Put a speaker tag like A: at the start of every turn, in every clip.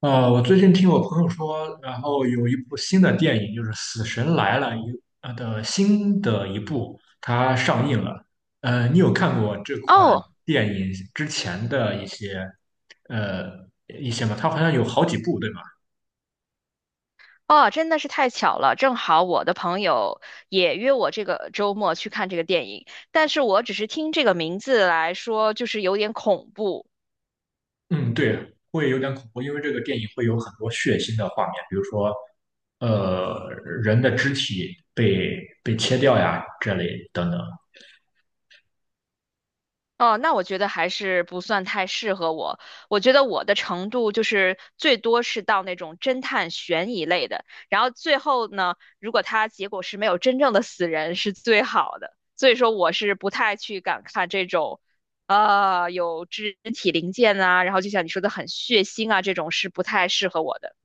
A: 我最近听我朋友说，然后有一部新的电影，就是《死神来了》的新的一部，它上映了。你有看过这款
B: 哦
A: 电影之前的一些呃一些吗？它好像有好几部，对吗？
B: 哦，真的是太巧了，正好我的朋友也约我这个周末去看这个电影，但是我只是听这个名字来说，就是有点恐怖，
A: 嗯，对，会有点恐怖，因为这个电影会有很多血腥的画面，比如说呃人的肢体被切掉呀这类等等。
B: 哦，那我觉得还是不算太适合我。我觉得我的程度就是最多是到那种侦探悬疑类的，然后最后呢，如果它结果是没有真正的死人是最好的。所以说我是不太去敢看这种，有肢体零件啊，然后就像你说的很血腥啊，这种是不太适合我的。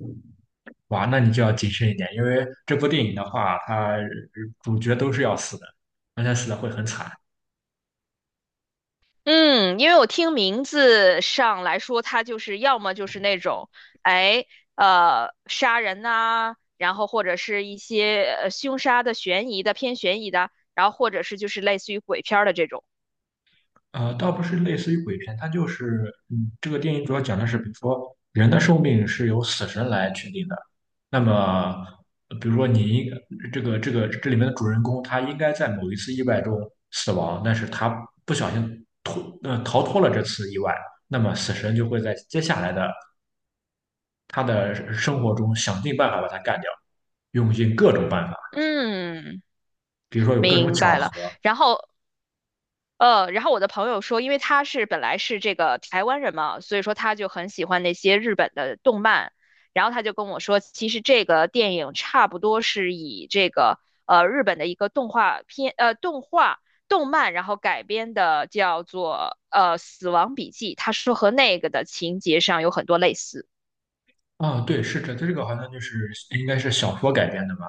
A: 哇，那你就要谨慎一点，因为这部电影的话，它主角都是要死的，而且死的会很惨。
B: 嗯，因为我听名字上来说，他就是要么就是那种，哎，杀人呐、然后或者是一些凶杀的、悬疑的、偏悬疑的，然后或者是就是类似于鬼片儿的这种。
A: 倒不是类似于鬼片，它就是，这个电影主要讲的是，比如说人的寿命是由死神来确定的。那么，比如说这个这里面的主人公，他应该在某一次意外中死亡，但是他不小心逃脱了这次意外，那么死神就会在接下来的他的生活中想尽办法把他干掉，用尽各种办法。
B: 嗯，
A: 比如说有各种
B: 明
A: 巧
B: 白
A: 合。
B: 了。然后然后我的朋友说，因为他是本来是这个台湾人嘛，所以说他就很喜欢那些日本的动漫，然后他就跟我说，其实这个电影差不多是以这个日本的一个动画片动画动漫，然后改编的，叫做《死亡笔记》，他说和那个的情节上有很多类似。
A: 啊，对，是这个好像就是应该是小说改编的吧，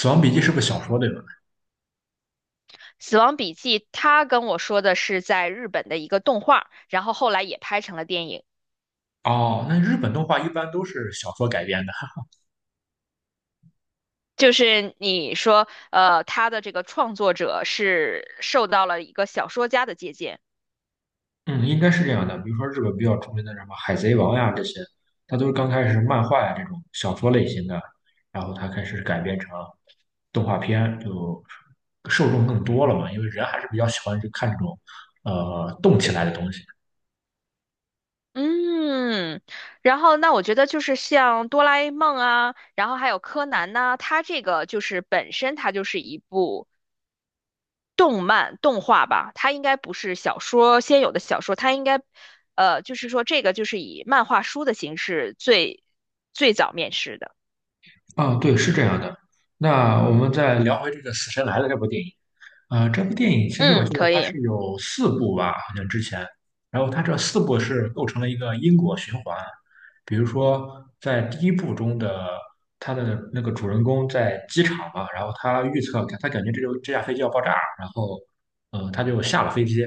A: 《死亡笔记》是不是小说对吧？
B: 《死亡笔记》他跟我说的是在日本的一个动画，然后后来也拍成了电影。
A: 哦，那日本动画一般都是小说改编的，
B: 就是你说，他的这个创作者是受到了一个小说家的借鉴，
A: 嗯，应该是这样的。比如说日本比较出名的什么《海贼王》呀这些，它都是刚开始是漫画呀这种小说类型的，然后它开始改编成动画片，就受众更多了嘛，因为人还是比较喜欢去看这种动起来的东西。
B: 嗯，然后那我觉得就是像哆啦 A 梦啊，然后还有柯南呐、它这个就是本身它就是一部动漫动画吧，它应该不是小说先有的小说，它应该，就是说这个就是以漫画书的形式最早面世的，
A: 啊，对，是这样的。那我们再聊回这个《死神来了》这部电影。这部电影其实我
B: 嗯，
A: 记得
B: 可
A: 它
B: 以。
A: 是有四部吧，好像之前。然后它这四部是构成了一个因果循环。比如说，在第一部中的他的那个主人公在机场嘛，然后他预测，他感觉这架飞机要爆炸，然后，他就下了飞机。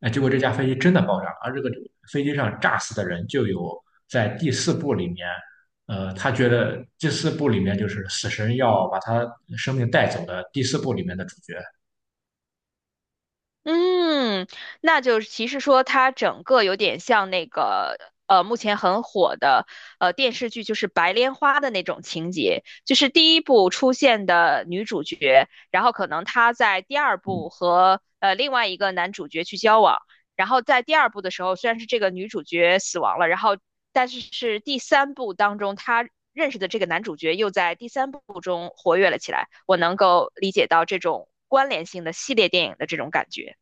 A: 哎，结果这架飞机真的爆炸，而这个飞机上炸死的人就有在第四部里面。他觉得第四部里面就是死神要把他生命带走的第四部里面的主角。
B: 嗯，那就是其实说它整个有点像那个目前很火的电视剧，就是《白莲花》的那种情节，就是第一部出现的女主角，然后可能她在第二部和另外一个男主角去交往，然后在第二部的时候，虽然是这个女主角死亡了，然后但是是第三部当中她认识的这个男主角又在第三部中活跃了起来，我能够理解到这种关联性的系列电影的这种感觉。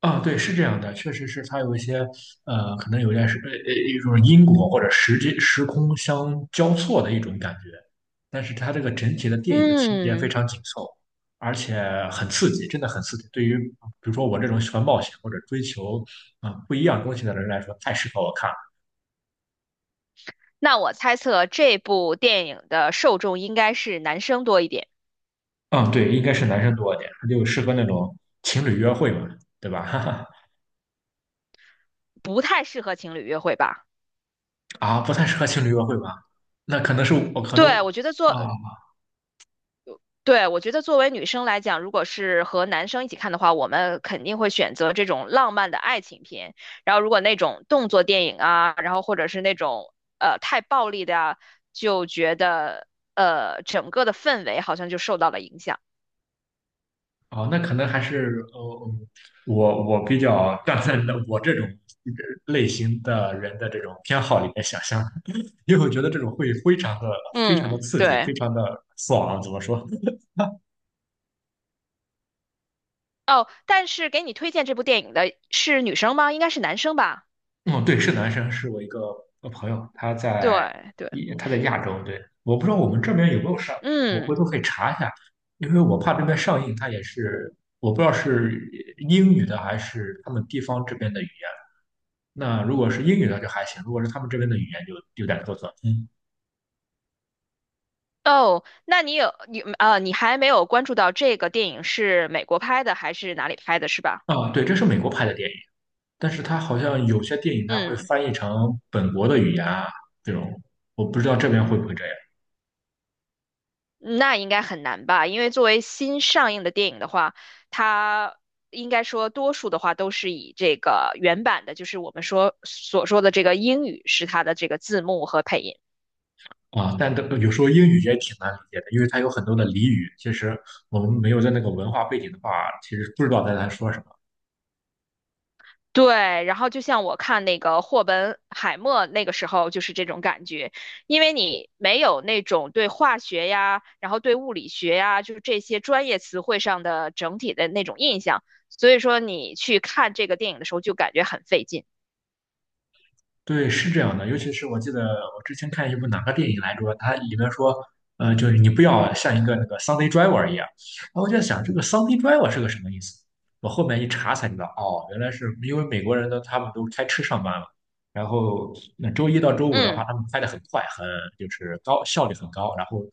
A: 啊，对，是这样的，确实是他有一些可能有点是一种因果或者时空相交错的一种感觉，但是他这个整体的电影的情节非
B: 嗯，
A: 常紧凑，而且很刺激，真的很刺激。对于比如说我这种喜欢冒险或者追求不一样东西的人来说，太适合我看了。
B: 那我猜测这部电影的受众应该是男生多一点，
A: 嗯，对，应该是男生多一点，他就适合那种情侣约会嘛，对吧？哈哈。
B: 不太适合情侣约会吧？
A: 啊，不太适合情侣约会吧？那可能是我可能
B: 对，我觉得作，
A: 啊。
B: 对，我觉得作为女生来讲，如果是和男生一起看的话，我们肯定会选择这种浪漫的爱情片。然后，如果那种动作电影啊，然后或者是那种太暴力的啊，就觉得整个的氛围好像就受到了影响。
A: 啊，那可能还是嗯我比较站在那我这种类型的人的这种偏好里面想象，因为我觉得这种会非常的非常的
B: 嗯，
A: 刺激，非
B: 对。
A: 常的爽，怎么说？
B: 哦，但是给你推荐这部电影的是女生吗？应该是男生吧？
A: 嗯，对，是男生，是我一个朋友，
B: 对对，
A: 他在亚洲，对，我不知道我们这边有没有上映，我回
B: 嗯，
A: 头可以查一下，因为我怕这边上映，它也是我不知道是英语的还是他们地方这边的语言。那如果是英语的就还行，如果是他们这边的语言就有点做作。嗯。
B: 哦，那你还没有关注到这个电影是美国拍的还是哪里拍的，是吧？
A: 啊，对，这是美国拍的电影，但是它好像有些电影它会
B: 嗯，
A: 翻译成本国的语言啊，这种我不知道这边会不会这样。
B: 那应该很难吧？因为作为新上映的电影的话，它应该说多数的话都是以这个原版的，就是我们说所说的这个英语是它的这个字幕和配音。
A: 啊，但的有时候英语也挺难理解的，因为它有很多的俚语，其实我们没有在那个文化背景的话，其实不知道在他说什么。
B: 对，然后就像我看那个霍本海默那个时候就是这种感觉，因为你没有那种对化学呀，然后对物理学呀，就是这些专业词汇上的整体的那种印象，所以说你去看这个电影的时候就感觉很费劲。
A: 对，是这样的，尤其是我记得我之前看一部哪个电影来着，它里面说，就是你不要像一个那个 Sunday driver 一样。然后我就在想，这个 Sunday driver 是个什么意思？我后面一查才知道，哦，原来是因为美国人呢，他们都开车上班嘛，然后那周一到周五的话，
B: 嗯，
A: 他们开得很快，就是高效率很高。然后，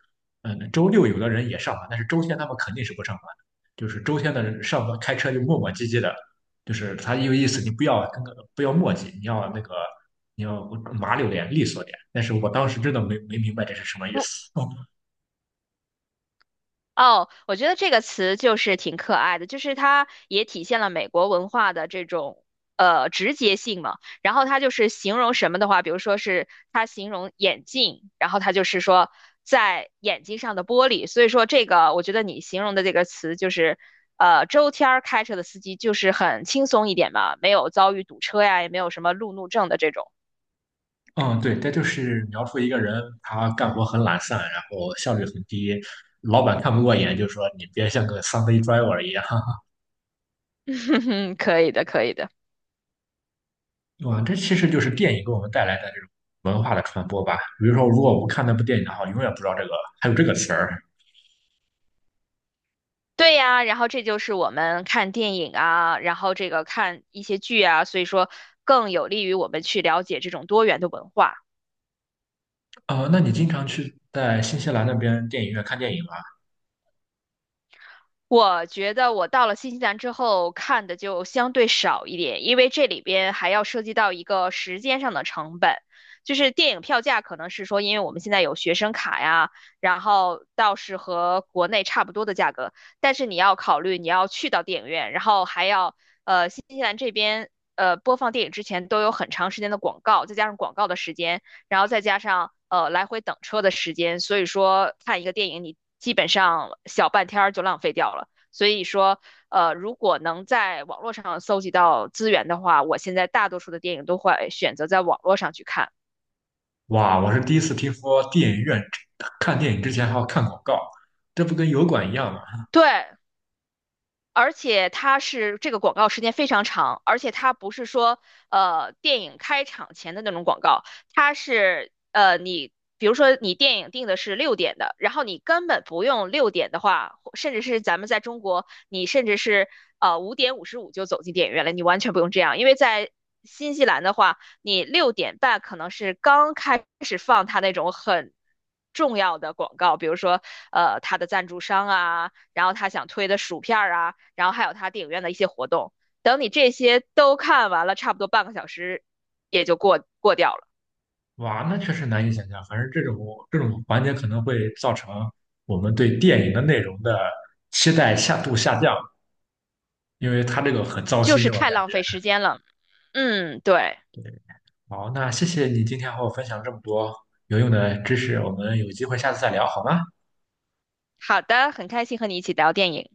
A: 周六有的人也上班，但是周天他们肯定是不上班的，就是周天的人上班开车就磨磨唧唧的，就是他有意思，你不要不要墨迹，你要你要麻溜点、利索点。但是我当时真的没明白这是什么意思。哦，
B: 哦，我觉得这个词就是挺可爱的，就是它也体现了美国文化的这种直接性嘛。然后它就是形容什么的话，比如说是它形容眼镜，然后它就是说在眼睛上的玻璃。所以说这个，我觉得你形容的这个词就是，周天儿开车的司机就是很轻松一点嘛，没有遭遇堵车呀，也没有什么路怒症的这种。
A: 嗯，对，这就是描述一个人他干活很懒散，然后效率很低，老板看不过眼，就说你别像个 Sunday driver 一样。
B: 可以的，可以的。
A: 哇，这其实就是电影给我们带来的这种文化的传播吧。比如说，如果我不看那部电影的话，永远不知道这个还有这个词儿。
B: 对呀，然后这就是我们看电影啊，然后这个看一些剧啊，所以说更有利于我们去了解这种多元的文化。
A: 那你经常去在新西兰那边电影院看电影吗？
B: 我觉得我到了新西兰之后看的就相对少一点，因为这里边还要涉及到一个时间上的成本，就是电影票价可能是说，因为我们现在有学生卡呀，然后倒是和国内差不多的价格，但是你要考虑你要去到电影院，然后还要新西兰这边播放电影之前都有很长时间的广告，再加上广告的时间，然后再加上来回等车的时间，所以说看一个电影你基本上小半天儿就浪费掉了。所以说，如果能在网络上搜集到资源的话，我现在大多数的电影都会选择在网络上去看。
A: 哇，我是第一次听说电影院看电影之前还要看广告，这不跟油管一样吗？
B: 对，而且它是这个广告时间非常长，而且它不是说电影开场前的那种广告，它是你比如说你电影定的是六点的，然后你根本不用六点的话，或甚至是咱们在中国，你甚至是5:55就走进电影院了，你完全不用这样，因为在新西兰的话，你6点半可能是刚开始放它那种很重要的广告，比如说，它的赞助商啊，然后他想推的薯片啊，然后还有他电影院的一些活动。等你这些都看完了，差不多半个小时也就过掉了，
A: 哇，那确实难以想象。反正这种环节可能会造成我们对电影的内容的期待下降，因为它这个很糟
B: 就
A: 心，
B: 是
A: 我
B: 太
A: 感
B: 浪
A: 觉。
B: 费时间了。嗯，对，
A: 好，那谢谢你今天和我分享这么多有用的知识，我们有机会下次再聊好吗？
B: 好的，很开心和你一起聊电影。